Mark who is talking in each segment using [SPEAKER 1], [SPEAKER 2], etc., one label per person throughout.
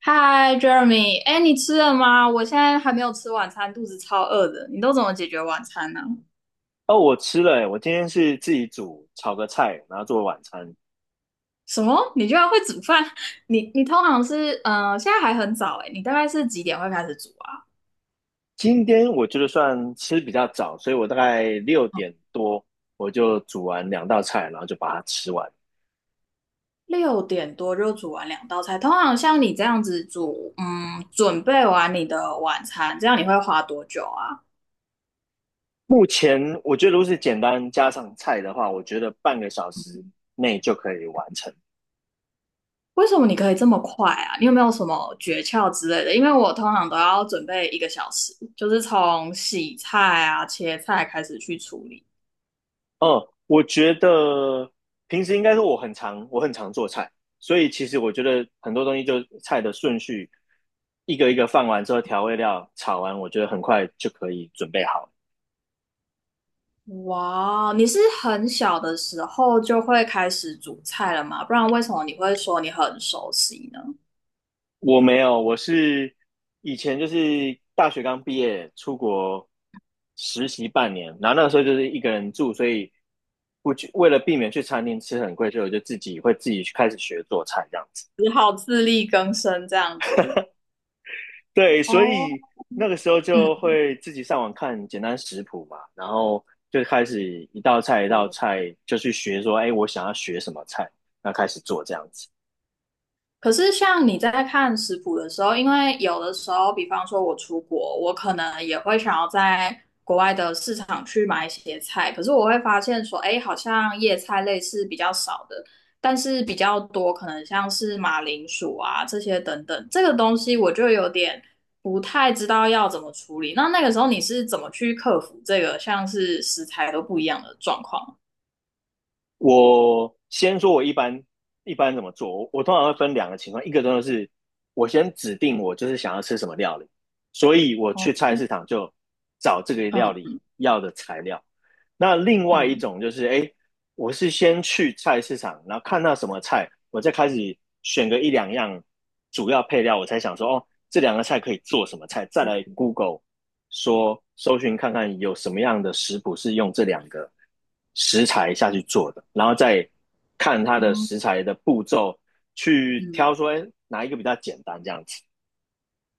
[SPEAKER 1] 嗨，Jeremy，哎，你吃了吗？我现在还没有吃晚餐，肚子超饿的。你都怎么解决晚餐呢？
[SPEAKER 2] 哦，我吃了欸，我今天是自己煮炒个菜，然后做晚餐。
[SPEAKER 1] 什么？你居然会煮饭？你通常是现在还很早哎，你大概是几点会开始煮啊？
[SPEAKER 2] 今天我觉得算吃比较早，所以我大概6点多我就煮完2道菜，然后就把它吃完。
[SPEAKER 1] 6点多就煮完两道菜。通常像你这样子煮，准备完你的晚餐，这样你会花多久啊？
[SPEAKER 2] 目前我觉得如果是简单加上菜的话，我觉得半个小时内就可以完成。
[SPEAKER 1] 为什么你可以这么快啊？你有没有什么诀窍之类的？因为我通常都要准备1个小时，就是从洗菜啊、切菜开始去处理。
[SPEAKER 2] 嗯，我觉得平时应该说我很常做菜，所以其实我觉得很多东西就菜的顺序一个一个放完之后，调味料炒完，我觉得很快就可以准备好了。
[SPEAKER 1] 哇，你是很小的时候就会开始煮菜了吗？不然为什么你会说你很熟悉呢？
[SPEAKER 2] 我没有，我是以前就是大学刚毕业出国实习半年，然后那个时候就是一个人住，所以不就为了避免去餐厅吃很贵，所以我就自己会自己去开始学做菜这样子。
[SPEAKER 1] 只好自力更生这样子。
[SPEAKER 2] 对，所
[SPEAKER 1] 哦，
[SPEAKER 2] 以那个时候就
[SPEAKER 1] 嗯，
[SPEAKER 2] 会自己上网看简单食谱嘛，然后就开始一道菜一道菜就去学说，哎，我想要学什么菜，那开始做这样子。
[SPEAKER 1] 可是，像你在看食谱的时候，因为有的时候，比方说我出国，我可能也会想要在国外的市场去买一些菜。可是我会发现说，哎，好像叶菜类是比较少的，但是比较多可能像是马铃薯啊这些等等，这个东西我就有点不太知道要怎么处理。那个时候你是怎么去克服这个像是食材都不一样的状况？
[SPEAKER 2] 我先说，我一般怎么做？我通常会分两个情况，一个真的是我先指定我就是想要吃什么料理，所以我
[SPEAKER 1] 哦，
[SPEAKER 2] 去菜市场就找这个料理
[SPEAKER 1] 嗯
[SPEAKER 2] 要的材料。那另外一
[SPEAKER 1] 嗯
[SPEAKER 2] 种就是，哎，我是先去菜市场，然后看到什么菜，我再开始选个一两样主要配料，我才想说，哦，这两个菜可以做什么菜，再来 Google 说搜寻看看有什么样的食谱是用这两个食材下去做的，然后再看它的
[SPEAKER 1] 嗯
[SPEAKER 2] 食材的步骤去
[SPEAKER 1] 嗯。
[SPEAKER 2] 挑说，哎，哪一个比较简单这样子。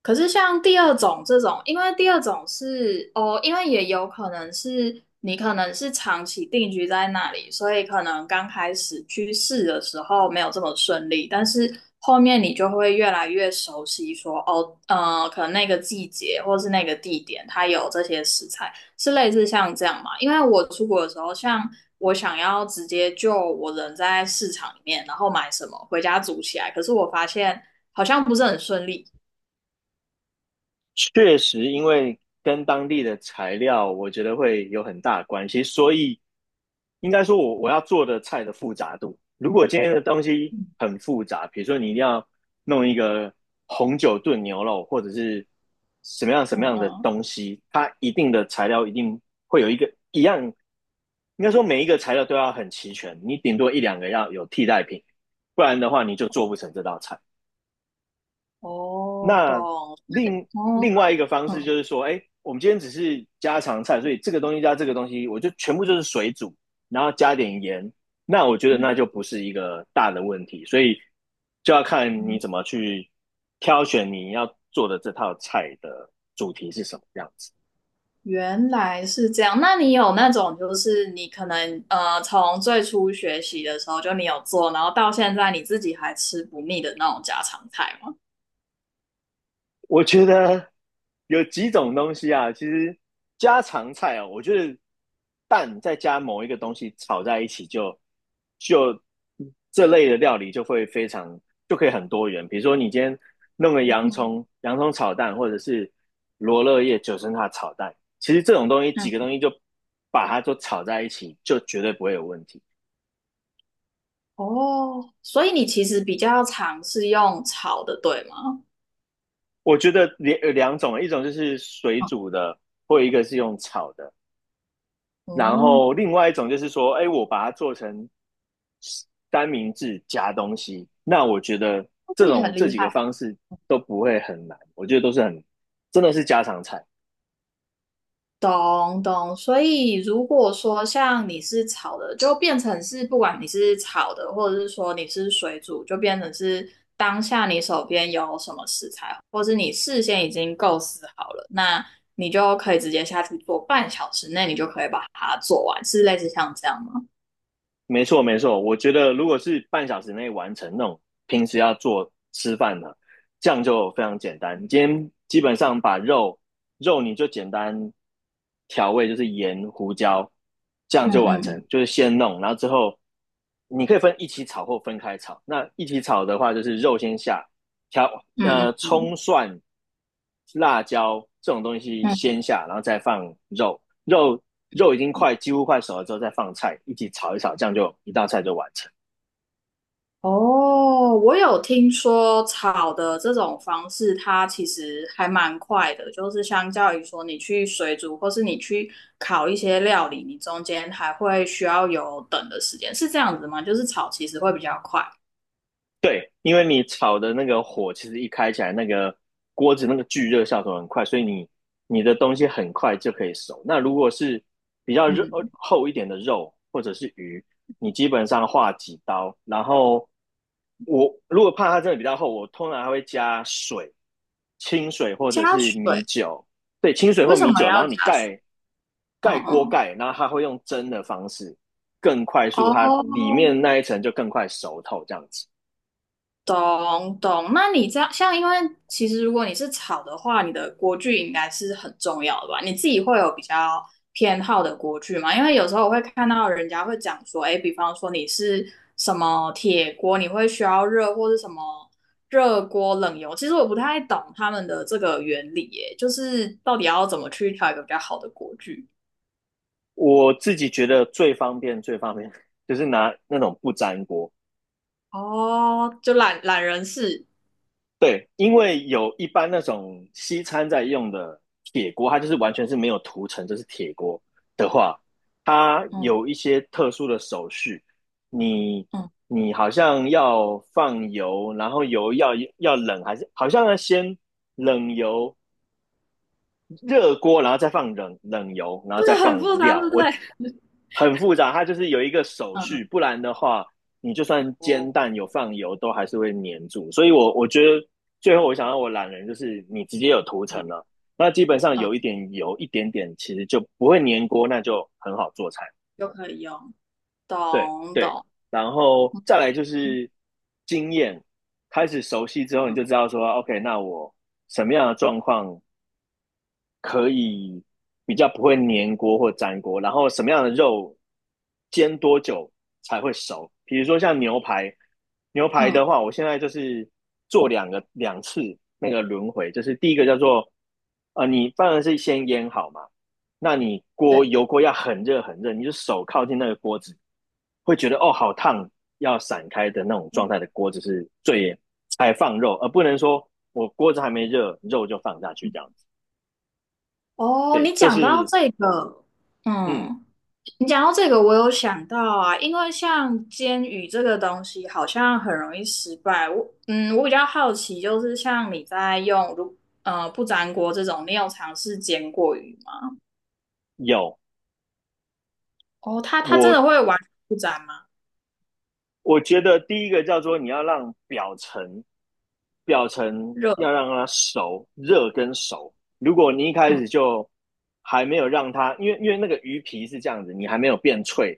[SPEAKER 1] 可是像第二种这种，因为第二种是哦，因为也有可能是你可能是长期定居在那里，所以可能刚开始去试的时候没有这么顺利，但是后面你就会越来越熟悉说，哦，可能那个季节或是那个地点，它有这些食材，是类似像这样嘛？因为我出国的时候，像我想要直接就我人在市场里面，然后买什么回家煮起来，可是我发现好像不是很顺利。
[SPEAKER 2] 确实，因为跟当地的材料，我觉得会有很大的关系，所以应该说我要做的菜的复杂度。如果今天的东西很复杂，比如说你一定要弄一个红酒炖牛肉，或者是什么样什
[SPEAKER 1] 嗯
[SPEAKER 2] 么样的
[SPEAKER 1] 嗯，
[SPEAKER 2] 东西，它一定的材料一定会有一个一样，应该说每一个材料都要很齐全，你顶多一两个要有替代品，不然的话你就做不成这道菜。
[SPEAKER 1] 哦，懂，
[SPEAKER 2] 那另
[SPEAKER 1] 哦，
[SPEAKER 2] 另外一个方式
[SPEAKER 1] 嗯
[SPEAKER 2] 就是说，哎，我们今天只是家常菜，所以这个东西加这个东西，我就全部就是水煮，然后加点盐。那我觉得那就
[SPEAKER 1] 嗯
[SPEAKER 2] 不是一个大的问题，所以就要看你
[SPEAKER 1] 嗯
[SPEAKER 2] 怎么去挑选你要做的这套菜的主题是什么样子。
[SPEAKER 1] 原来是这样。那你有那种，就是你可能从最初学习的时候就你有做，然后到现在你自己还吃不腻的那种家常菜吗？
[SPEAKER 2] 我觉得有几种东西啊，其实家常菜哦，我觉得蛋再加某一个东西炒在一起就这类的料理就会非常就可以很多元。比如说你今天弄个洋葱，洋葱炒蛋，或者是罗勒叶九层塔炒蛋，其实这种东西
[SPEAKER 1] 嗯，
[SPEAKER 2] 几个东西就把它都炒在一起，就绝对不会有问题。
[SPEAKER 1] 哦，所以你其实比较常是用炒的，对吗？
[SPEAKER 2] 我觉得有两种，一种就是水煮的，或一个是用炒的。然
[SPEAKER 1] 哦，
[SPEAKER 2] 后另外一种就是说，哎，我把它做成三明治加东西，那我觉得
[SPEAKER 1] 那
[SPEAKER 2] 这
[SPEAKER 1] 这也
[SPEAKER 2] 种
[SPEAKER 1] 很
[SPEAKER 2] 这
[SPEAKER 1] 厉
[SPEAKER 2] 几个
[SPEAKER 1] 害。
[SPEAKER 2] 方式都不会很难，我觉得都是真的是家常菜。
[SPEAKER 1] 懂懂，所以如果说像你是炒的，就变成是不管你是炒的，或者是说你是水煮，就变成是当下你手边有什么食材，或是你事先已经构思好了，那你就可以直接下去做，半小时内你就可以把它做完，是类似像这样吗？
[SPEAKER 2] 没错，没错。我觉得如果是半小时内完成那种平时要做吃饭的，这样就非常简单。你今天基本上把肉你就简单调味，就是盐、胡椒，这样
[SPEAKER 1] 嗯
[SPEAKER 2] 就完
[SPEAKER 1] 嗯
[SPEAKER 2] 成。
[SPEAKER 1] 嗯
[SPEAKER 2] 就是先弄，然后之后你可以分一起炒或分开炒。那一起炒的话，就是肉先下，调
[SPEAKER 1] 嗯
[SPEAKER 2] 呃
[SPEAKER 1] 嗯
[SPEAKER 2] 葱
[SPEAKER 1] 嗯
[SPEAKER 2] 蒜、辣椒这种东西
[SPEAKER 1] 嗯。
[SPEAKER 2] 先下，然后再放肉，肉肉已经几乎快熟了之后，再放菜一起炒一炒，这样就一道菜就完成。
[SPEAKER 1] 哦，我有听说炒的这种方式，它其实还蛮快的，就是相较于说你去水煮或是你去烤一些料理，你中间还会需要有等的时间，是这样子吗？就是炒其实会比较快。
[SPEAKER 2] 对，因为你炒的那个火其实一开起来，那个锅子那个聚热效果很快，所以你的东西很快就可以熟。那如果是比较肉
[SPEAKER 1] 嗯，
[SPEAKER 2] 厚一点的肉或者是鱼，你基本上划几刀，然后我如果怕它真的比较厚，我通常还会加水。清水或者
[SPEAKER 1] 加
[SPEAKER 2] 是米
[SPEAKER 1] 水。
[SPEAKER 2] 酒，对，清水或
[SPEAKER 1] 为什
[SPEAKER 2] 米
[SPEAKER 1] 么
[SPEAKER 2] 酒，然
[SPEAKER 1] 要
[SPEAKER 2] 后你
[SPEAKER 1] 加水？
[SPEAKER 2] 盖
[SPEAKER 1] 嗯
[SPEAKER 2] 盖锅
[SPEAKER 1] 嗯，
[SPEAKER 2] 盖，然后它会用蒸的方式更快速，它里
[SPEAKER 1] 哦，
[SPEAKER 2] 面那一层就更快熟透这样子。
[SPEAKER 1] 懂懂，那你这样像，因为其实如果你是炒的话，你的锅具应该是很重要的吧？你自己会有比较偏好的锅具吗？因为有时候我会看到人家会讲说，哎，比方说你是什么铁锅，你会需要热或是什么热锅冷油，其实我不太懂他们的这个原理，耶，就是到底要怎么去挑一个比较好的锅具？
[SPEAKER 2] 我自己觉得最方便最方便 就是拿那种不粘锅。
[SPEAKER 1] 哦，就懒人式，
[SPEAKER 2] 对，因为有一般那种西餐在用的铁锅，它就是完全是没有涂层，就是铁锅的话，它
[SPEAKER 1] 嗯
[SPEAKER 2] 有一些特殊的手续，你
[SPEAKER 1] 嗯，
[SPEAKER 2] 你好像要放油，然后油要冷，还是好像要先冷油热锅，然后再放冷油，然后再
[SPEAKER 1] 对，很
[SPEAKER 2] 放
[SPEAKER 1] 复杂，对
[SPEAKER 2] 料。
[SPEAKER 1] 不
[SPEAKER 2] 我
[SPEAKER 1] 对？
[SPEAKER 2] 很复杂，它就是有一个手
[SPEAKER 1] 嗯嗯，
[SPEAKER 2] 续，不然的话，你就算煎
[SPEAKER 1] 哦，
[SPEAKER 2] 蛋有放油，都还是会粘住。所以我觉得最后我想要我懒人就是你直接有涂层
[SPEAKER 1] 嗯
[SPEAKER 2] 了，那基本上有一
[SPEAKER 1] 嗯。
[SPEAKER 2] 点油一点点，其实就不会粘锅，那就很好做菜。
[SPEAKER 1] 就可以用。
[SPEAKER 2] 对
[SPEAKER 1] 懂
[SPEAKER 2] 对，
[SPEAKER 1] 懂，
[SPEAKER 2] 然后再来就是经验，开始熟悉之后，你就
[SPEAKER 1] 嗯
[SPEAKER 2] 知道说，OK,那我什么样的状况可以比较不会粘锅或粘锅，然后什么样的肉煎多久才会熟？比如说像牛排，牛排的
[SPEAKER 1] 嗯，
[SPEAKER 2] 话，我现在就是做两次那个轮回，就是第一个叫做呃，你当然是先腌好嘛，那你锅
[SPEAKER 1] 对。
[SPEAKER 2] 油锅要很热很热，你就手靠近那个锅子，会觉得哦好烫，要散开的那种状态的锅子是最才放肉，而不能说我锅子还没热，肉就放下去这样。
[SPEAKER 1] 哦，
[SPEAKER 2] 对，这是嗯
[SPEAKER 1] 嗯，你讲到这个，我有想到啊，因为像煎鱼这个东西，好像很容易失败。我比较好奇，就是像你在用不粘锅这种，你有尝试煎过鱼吗？
[SPEAKER 2] 有
[SPEAKER 1] 哦，它真的
[SPEAKER 2] 我
[SPEAKER 1] 会完全不粘吗？
[SPEAKER 2] 我觉得第一个叫做你要让表层，表层
[SPEAKER 1] 热，
[SPEAKER 2] 要让它熟，热跟熟。如果你一开
[SPEAKER 1] 嗯
[SPEAKER 2] 始就还没有让它，因为那个鱼皮是这样子，你还没有变脆，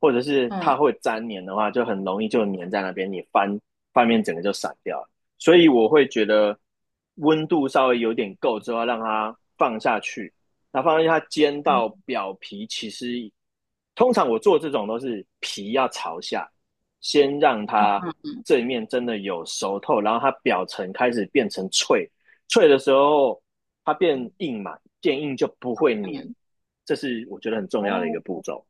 [SPEAKER 2] 或者是它
[SPEAKER 1] 嗯
[SPEAKER 2] 会粘黏的话，就很容易就黏在那边，你翻面整个就散掉了。所以我会觉得温度稍微有点够之后，让它放下去，那放下去它煎到表皮，其实通常我做这种都是皮要朝下。先让它这一面真的有熟透，然后它表层开始变成脆，脆的时候它变硬嘛，变硬就不会粘，
[SPEAKER 1] 嗯，
[SPEAKER 2] 这是我觉得很重要的一个步
[SPEAKER 1] 哦，
[SPEAKER 2] 骤。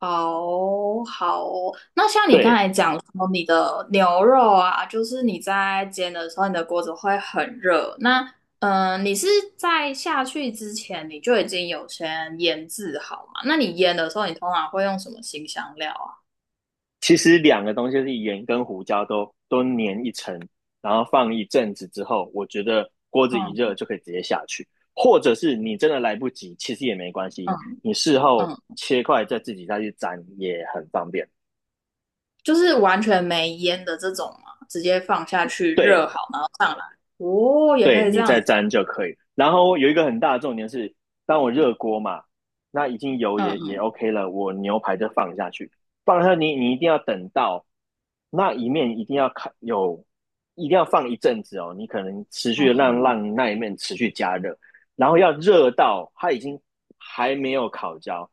[SPEAKER 1] 好好哦，那像你刚
[SPEAKER 2] 对，
[SPEAKER 1] 才讲说你的牛肉啊，就是你在煎的时候，你的锅子会很热。那你是在下去之前你就已经有先腌制好嘛？那你腌的时候，你通常会用什么新香料啊？
[SPEAKER 2] 其实两个东西是盐跟胡椒都粘一层，然后放一阵子之后，我觉得锅子一热
[SPEAKER 1] 嗯
[SPEAKER 2] 就可以直接下去，或者是你真的来不及，其实也没关系，
[SPEAKER 1] 嗯
[SPEAKER 2] 你事后
[SPEAKER 1] 嗯，
[SPEAKER 2] 切块再自己再去沾也很方便。
[SPEAKER 1] 就是完全没腌的这种嘛，直接放下去
[SPEAKER 2] 对，
[SPEAKER 1] 热好吗？哦，也
[SPEAKER 2] 对，
[SPEAKER 1] 可以这
[SPEAKER 2] 你再
[SPEAKER 1] 样子哦。
[SPEAKER 2] 沾就可以。然后有一个很大的重点是，当我热锅嘛，那已经油
[SPEAKER 1] 嗯
[SPEAKER 2] 也
[SPEAKER 1] 嗯
[SPEAKER 2] OK 了，我牛排就放下去，放下去你一定要等到那一面一定要烤有，一定要放一阵子哦，你可能持续的让
[SPEAKER 1] 嗯
[SPEAKER 2] 让那一面持续加热，然后要热到它已经还没有烤焦，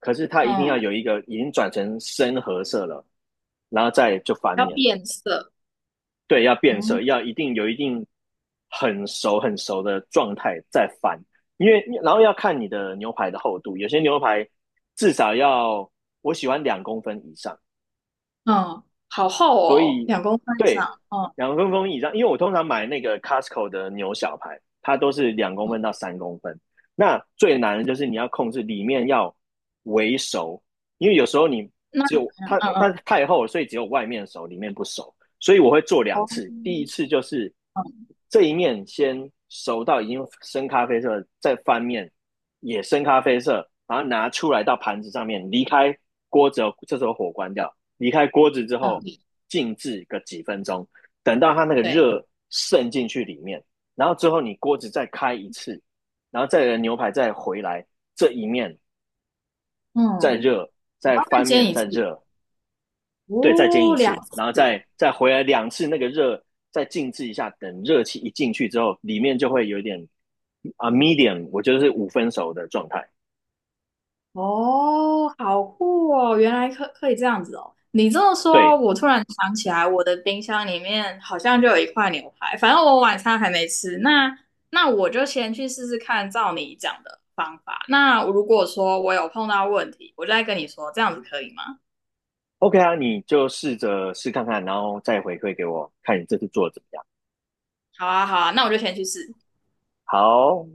[SPEAKER 2] 可是它一定要
[SPEAKER 1] 嗯嗯，
[SPEAKER 2] 有一个已经转成深褐色了，然后再就翻
[SPEAKER 1] 要
[SPEAKER 2] 面。
[SPEAKER 1] 变色。
[SPEAKER 2] 对，要变
[SPEAKER 1] 嗯
[SPEAKER 2] 色，要一定有一定很熟很熟的状态再翻，因为然后要看你的牛排的厚度，有些牛排至少要我喜欢两公分以上，
[SPEAKER 1] 嗯，好厚
[SPEAKER 2] 所
[SPEAKER 1] 哦，
[SPEAKER 2] 以
[SPEAKER 1] 2公分以上。
[SPEAKER 2] 对
[SPEAKER 1] 嗯。
[SPEAKER 2] 两公分以上，因为我通常买那个 Costco 的牛小排，它都是2公分到3公分。那最难的就是你要控制里面要微熟，因为有时候你
[SPEAKER 1] 那
[SPEAKER 2] 只有
[SPEAKER 1] 嗯
[SPEAKER 2] 它
[SPEAKER 1] 嗯
[SPEAKER 2] 它
[SPEAKER 1] 嗯
[SPEAKER 2] 太厚了，所以只有外面熟，里面不熟。所以我会做两
[SPEAKER 1] 哦，
[SPEAKER 2] 次，第一
[SPEAKER 1] 嗯
[SPEAKER 2] 次就是这一面先熟到已经深咖啡色，再翻面也深咖啡色，然后拿出来到盘子上面，离开锅之后，这时候火关掉，离开锅子之
[SPEAKER 1] 嗯，
[SPEAKER 2] 后静置个几分钟，等到它那个
[SPEAKER 1] 对，
[SPEAKER 2] 热渗进去里面，然后之后你锅子再开一次，然后再牛排再回来这一面再
[SPEAKER 1] 嗯，
[SPEAKER 2] 热，再
[SPEAKER 1] 我再
[SPEAKER 2] 翻
[SPEAKER 1] 煎
[SPEAKER 2] 面
[SPEAKER 1] 一
[SPEAKER 2] 再
[SPEAKER 1] 次
[SPEAKER 2] 热，对，再煎
[SPEAKER 1] 哦，
[SPEAKER 2] 一
[SPEAKER 1] 两
[SPEAKER 2] 次，然后
[SPEAKER 1] 次，
[SPEAKER 2] 再回来两次，那个热再静置一下，等热气一进去之后，里面就会有点啊 medium,我觉得是五分熟的状态，
[SPEAKER 1] 哦，好酷哦，原来可以这样子哦。你这么说，
[SPEAKER 2] 对。
[SPEAKER 1] 我突然想起来，我的冰箱里面好像就有一块牛排，反正我晚餐还没吃。那我就先去试试看，照你讲的方法。那如果说我有碰到问题，我就再跟你说，这样子可以吗？
[SPEAKER 2] OK 啊，你就试着试看看，然后再回馈给我，看你这次做的怎么样。
[SPEAKER 1] 好啊，好啊，那我就先去试。
[SPEAKER 2] 好，